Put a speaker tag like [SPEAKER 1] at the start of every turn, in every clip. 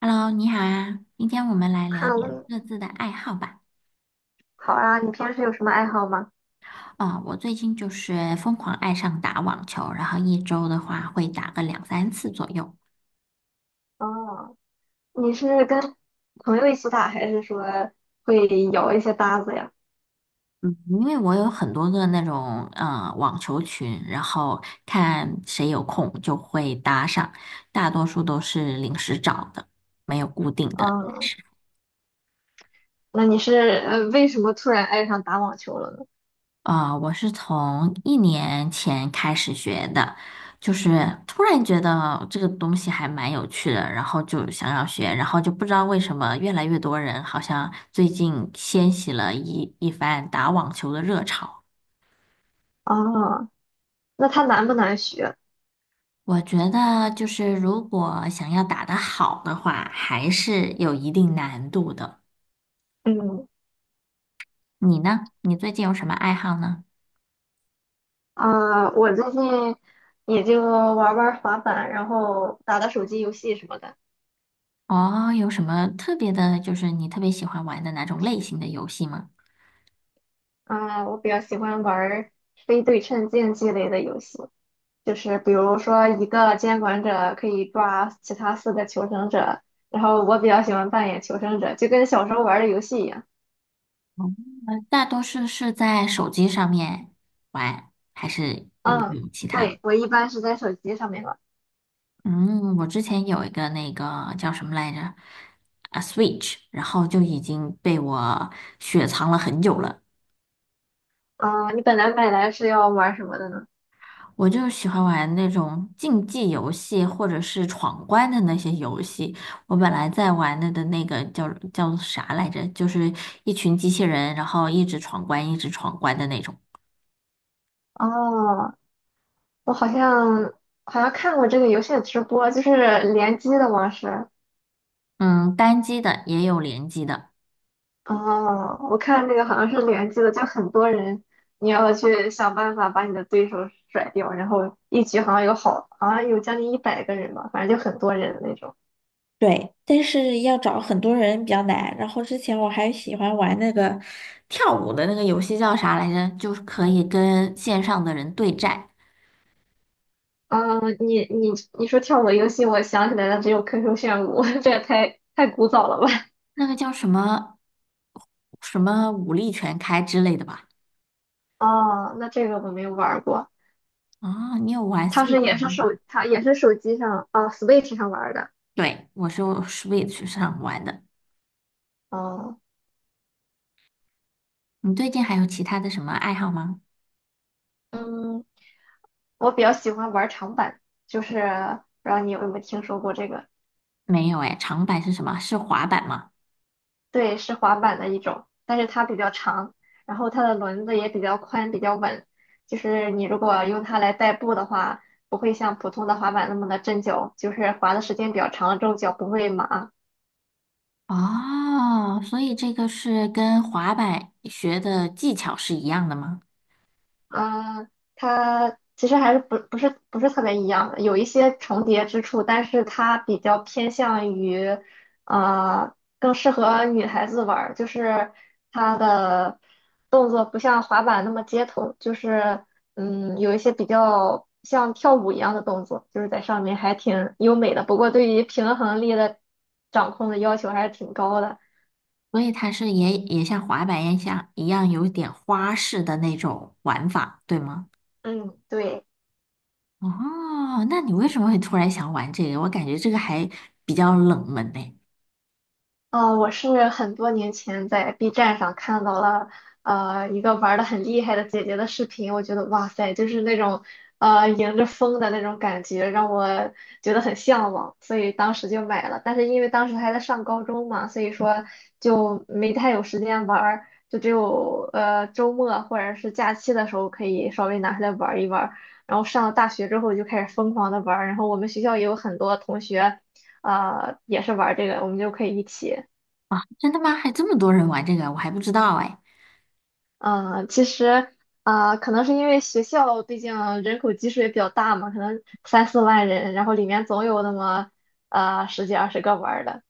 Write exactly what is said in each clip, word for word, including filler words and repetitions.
[SPEAKER 1] Hello，你好啊！今天我们来聊
[SPEAKER 2] 看
[SPEAKER 1] 点
[SPEAKER 2] 了，
[SPEAKER 1] 各自的爱好吧。
[SPEAKER 2] 好啊，你平时有什么爱好吗？
[SPEAKER 1] 哦，我最近就是疯狂爱上打网球，然后一周的话会打个两三次左右。
[SPEAKER 2] 哦，你是跟朋友一起打，还是说会摇一些搭子呀？
[SPEAKER 1] 嗯，因为我有很多个那种呃网球群，然后看谁有空就会搭上，大多数都是临时找的，没有固定的。
[SPEAKER 2] 哦，那你是呃为什么突然爱上打网球了呢？
[SPEAKER 1] 啊，我是从一年前开始学的，就是突然觉得这个东西还蛮有趣的，然后就想要学，然后就不知道为什么越来越多人好像最近掀起了一一番打网球的热潮。
[SPEAKER 2] 哦，那它难不难学？
[SPEAKER 1] 我觉得就是如果想要打得好的话，还是有一定难度的。
[SPEAKER 2] 嗯。
[SPEAKER 1] 你呢？你最近有什么爱好呢？
[SPEAKER 2] 啊、我最近也就玩玩滑板，然后打打手机游戏什么的。
[SPEAKER 1] 哦，有什么特别的，就是你特别喜欢玩的哪种类型的游戏吗？
[SPEAKER 2] 啊、我比较喜欢玩非对称竞技类的游戏。就是比如说一个监管者可以抓其他四个求生者，然后我比较喜欢扮演求生者，就跟小时候玩的游戏一样。
[SPEAKER 1] 大多数是在手机上面玩，还是你
[SPEAKER 2] 嗯，
[SPEAKER 1] 有其他的？
[SPEAKER 2] 对，我一般是在手机上面玩。
[SPEAKER 1] 嗯，我之前有一个那个叫什么来着？啊，Switch，然后就已经被我雪藏了很久了。
[SPEAKER 2] 嗯，你本来买来是要玩什么的呢？
[SPEAKER 1] 我就喜欢玩那种竞技游戏或者是闯关的那些游戏。我本来在玩的的那个叫叫啥来着？就是一群机器人，然后一直闯关，一直闯关的那种。
[SPEAKER 2] 哦，我好像好像看过这个游戏的直播，就是联机的模式。
[SPEAKER 1] 嗯，单机的也有联机的。
[SPEAKER 2] 哦，我看那个好像是联机的，就很多人，你要去想办法把你的对手甩掉，然后一局好像有好，好像有将近一百个人吧，反正就很多人的那种。
[SPEAKER 1] 对，但是要找很多人比较难。然后之前我还喜欢玩那个跳舞的那个游戏叫啥来着？就是可以跟线上的人对战，
[SPEAKER 2] 嗯，你你你说跳舞游戏，我想起来了，只有 Q Q 炫舞，这也太太古早了吧？
[SPEAKER 1] 那个叫什么什么武力全开之类的吧？
[SPEAKER 2] 哦，那这个我没有玩儿过，
[SPEAKER 1] 啊，你有玩
[SPEAKER 2] 它是
[SPEAKER 1] Switch
[SPEAKER 2] 也是
[SPEAKER 1] 吗？
[SPEAKER 2] 手，它也是手机上啊，Switch 上玩儿的。
[SPEAKER 1] 对，我是用 Switch 上玩的。
[SPEAKER 2] 哦，
[SPEAKER 1] 你最近还有其他的什么爱好吗？
[SPEAKER 2] 嗯，我比较喜欢玩儿长板，就是不知道你有没有听说过这个。
[SPEAKER 1] 没有哎，长板是什么？是滑板吗？
[SPEAKER 2] 对，是滑板的一种，但是它比较长，然后它的轮子也比较宽，比较稳。就是你如果用它来代步的话，不会像普通的滑板那么的震脚，就是滑的时间比较长了之后脚不会麻。
[SPEAKER 1] 哦，所以这个是跟滑板学的技巧是一样的吗？
[SPEAKER 2] 嗯，它其实还是不不是不是特别一样的，有一些重叠之处，但是它比较偏向于，呃，更适合女孩子玩儿，就是它的动作不像滑板那么街头，就是嗯，有一些比较像跳舞一样的动作，就是在上面还挺优美的，不过对于平衡力的掌控的要求还是挺高的。
[SPEAKER 1] 所以它是也也像滑板一样一样有点花式的那种玩法，对吗？
[SPEAKER 2] 嗯，对。
[SPEAKER 1] 哦，那你为什么会突然想玩这个？我感觉这个还比较冷门呢。
[SPEAKER 2] 呃，我是很多年前在 B 站上看到了呃一个玩的很厉害的姐姐的视频，我觉得哇塞，就是那种呃迎着风的那种感觉，让我觉得很向往，所以当时就买了。但是因为当时还在上高中嘛，所以说就没太有时间玩儿，就只有呃周末或者是假期的时候可以稍微拿出来玩儿一玩儿。然后上了大学之后就开始疯狂的玩儿，然后我们学校也有很多同学。呃，也是玩儿这个，我们就可以一起。
[SPEAKER 1] 啊，真的吗？还这么多人玩这个，我还不知道哎。
[SPEAKER 2] 嗯，呃其实啊、呃可能是因为学校毕竟人口基数也比较大嘛，可能三四万人，然后里面总有那么呃十几二十个玩儿的。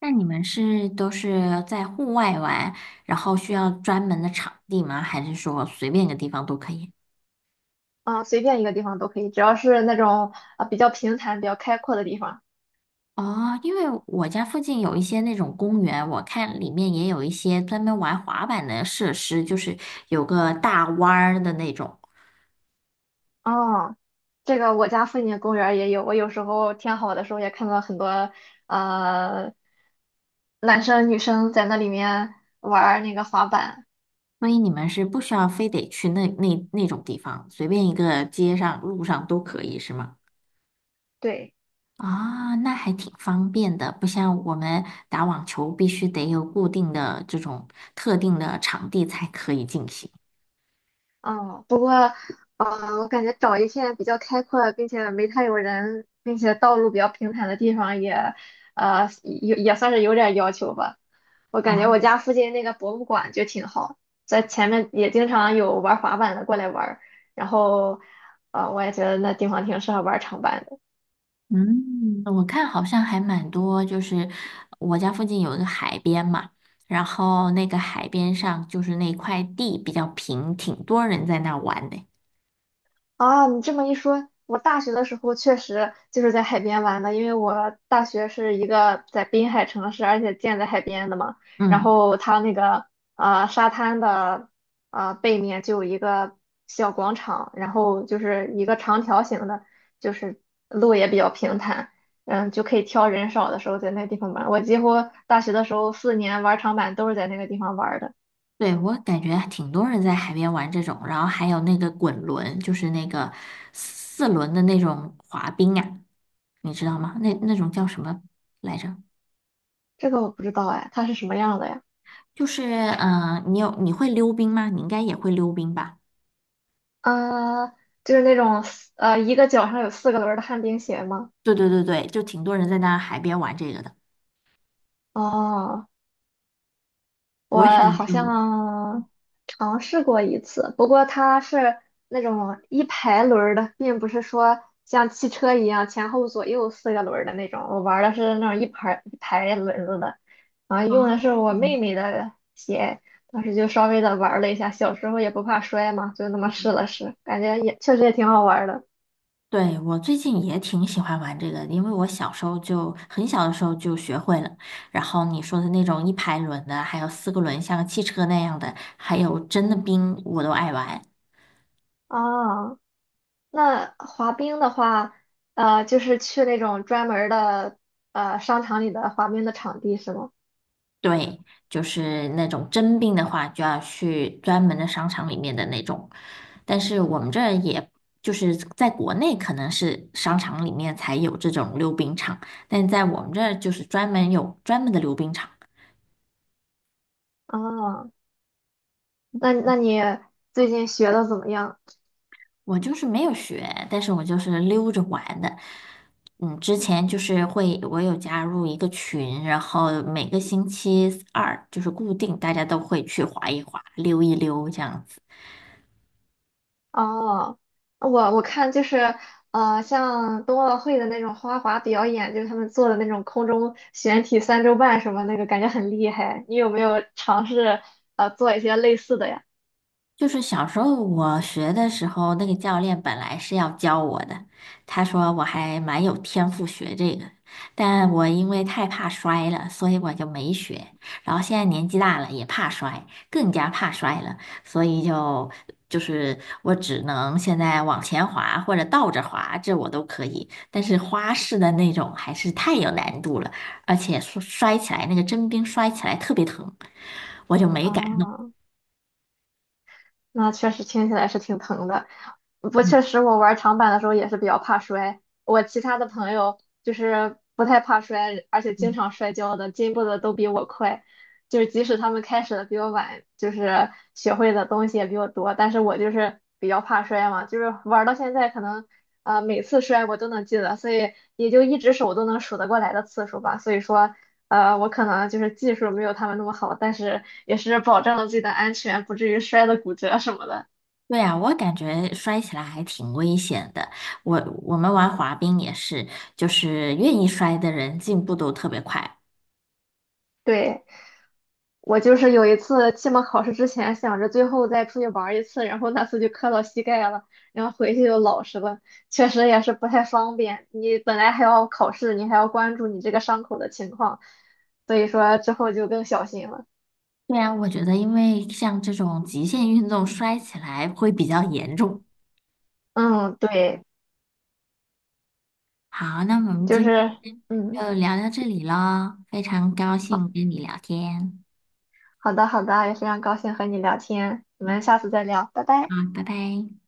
[SPEAKER 1] 那你们是都是在户外玩，然后需要专门的场地吗？还是说随便一个地方都可以？
[SPEAKER 2] 啊、随便一个地方都可以，只要是那种啊、比较平坦、比较开阔的地方。
[SPEAKER 1] 哦，因为我家附近有一些那种公园，我看里面也有一些专门玩滑板的设施，就是有个大弯儿的那种。
[SPEAKER 2] 哦，这个我家附近的公园儿也有，我有时候天好的时候也看到很多呃男生女生在那里面玩儿那个滑板。
[SPEAKER 1] 所以你们是不需要非得去那那那种地方，随便一个街上、路上都可以，是吗？
[SPEAKER 2] 对。
[SPEAKER 1] 啊，那还挺方便的，不像我们打网球必须得有固定的这种特定的场地才可以进行。
[SPEAKER 2] 哦，啊，我感觉找一片比较开阔，并且没太有人，并且道路比较平坦的地方也，呃，也也算是有点要求吧。我
[SPEAKER 1] 啊，
[SPEAKER 2] 感觉我家附近那个博物馆就挺好，在前面也经常有玩滑板的过来玩儿。然后，呃，我也觉得那地方挺适合玩长板的。
[SPEAKER 1] 嗯，我看好像还蛮多，就是我家附近有一个海边嘛，然后那个海边上就是那块地比较平，挺多人在那玩的。
[SPEAKER 2] 啊，你这么一说，我大学的时候确实就是在海边玩的，因为我大学是一个在滨海城市，而且建在海边的嘛。然
[SPEAKER 1] 嗯。
[SPEAKER 2] 后它那个呃沙滩的呃背面就有一个小广场，然后就是一个长条形的，就是路也比较平坦，嗯，就可以挑人少的时候在那地方玩。我几乎大学的时候四年玩长板都是在那个地方玩的。
[SPEAKER 1] 对，我感觉挺多人在海边玩这种，然后还有那个滚轮，就是那个四轮的那种滑冰啊，你知道吗？那那种叫什么来着？
[SPEAKER 2] 这个我不知道哎，它是什么样的呀？
[SPEAKER 1] 就是嗯、呃你有你会溜冰吗？你应该也会溜冰吧？
[SPEAKER 2] 啊，就是那种呃，一个脚上有四个轮儿的旱冰鞋吗？
[SPEAKER 1] 对对对对，就挺多人在那海边玩这个的。
[SPEAKER 2] 哦，
[SPEAKER 1] 我也
[SPEAKER 2] 我
[SPEAKER 1] 想
[SPEAKER 2] 好
[SPEAKER 1] 去玩
[SPEAKER 2] 像尝试过一次，不过它是那种一排轮儿的，并不是说像汽车一样前后左右四个轮儿的那种。我玩儿的是那种一排一排轮子的，然后
[SPEAKER 1] 啊，
[SPEAKER 2] 用的是我妹妹的鞋，当时就稍微的玩儿了一下，小时候也不怕摔嘛，就那么试了试，感觉也确实也挺好玩儿的。
[SPEAKER 1] 对，我最近也挺喜欢玩这个的因为我小时候就很小的时候就学会了。然后你说的那种一排轮的，还有四个轮像个汽车那样的，还有真的冰，我都爱玩。
[SPEAKER 2] 啊。那滑冰的话，呃，就是去那种专门儿的呃商场里的滑冰的场地是吗？
[SPEAKER 1] 对，就是那种真冰的话，就要去专门的商场里面的那种。但是我们这儿也就是在国内可能是商场里面才有这种溜冰场，但在我们这儿就是专门有专门的溜冰场。
[SPEAKER 2] 啊，那那你最近学的怎么样？
[SPEAKER 1] 我就是没有学，但是我就是溜着玩的。嗯，之前就是会，我有加入一个群，然后每个星期二就是固定，大家都会去滑一滑、溜一溜这样子。
[SPEAKER 2] 哦，我我看就是呃，像冬奥会的那种花滑表演，就是他们做的那种空中悬体三周半什么那个，感觉很厉害。你有没有尝试呃做一些类似的呀？
[SPEAKER 1] 就是小时候我学的时候，那个教练本来是要教我的，他说我还蛮有天赋学这个，但我因为太怕摔了，所以我就没学。然后现在年纪大了，也怕摔，更加怕摔了，所以就就是我只能现在往前滑或者倒着滑，这我都可以，但是花式的那种还是太有难度了，而且摔摔起来那个真冰摔起来特别疼，我就没敢。
[SPEAKER 2] 啊。那确实听起来是挺疼的。不过确实，我玩长板的时候也是比较怕摔。我其他的朋友就是不太怕摔，而且经常摔跤的，进步的都比我快。就是即使他们开始的比我晚，就是学会的东西也比我多，但是我就是比较怕摔嘛，就是玩到现在可能呃每次摔我都能记得，所以也就一只手都能数得过来的次数吧。所以说呃，我可能就是技术没有他们那么好，但是也是保证了自己的安全，不至于摔得骨折什么的。
[SPEAKER 1] 对啊，我感觉摔起来还挺危险的。我我们玩滑冰也是，就是愿意摔的人进步都特别快。
[SPEAKER 2] 对，我就是有一次期末考试之前想着最后再出去玩儿一次，然后那次就磕到膝盖了，然后回去就老实了，确实也是不太方便。你本来还要考试，你还要关注你这个伤口的情况，所以说之后就更小心了。
[SPEAKER 1] 对啊，我觉得因为像这种极限运动摔起来会比较严重。
[SPEAKER 2] 嗯，对，
[SPEAKER 1] 好，那我们
[SPEAKER 2] 就
[SPEAKER 1] 今
[SPEAKER 2] 是
[SPEAKER 1] 天
[SPEAKER 2] 嗯，
[SPEAKER 1] 就聊到这里喽，非常高
[SPEAKER 2] 好
[SPEAKER 1] 兴跟你聊天。
[SPEAKER 2] 好的好的，也非常高兴和你聊天，我
[SPEAKER 1] 嗯，
[SPEAKER 2] 们下次再聊，拜
[SPEAKER 1] 好，
[SPEAKER 2] 拜。
[SPEAKER 1] 拜拜。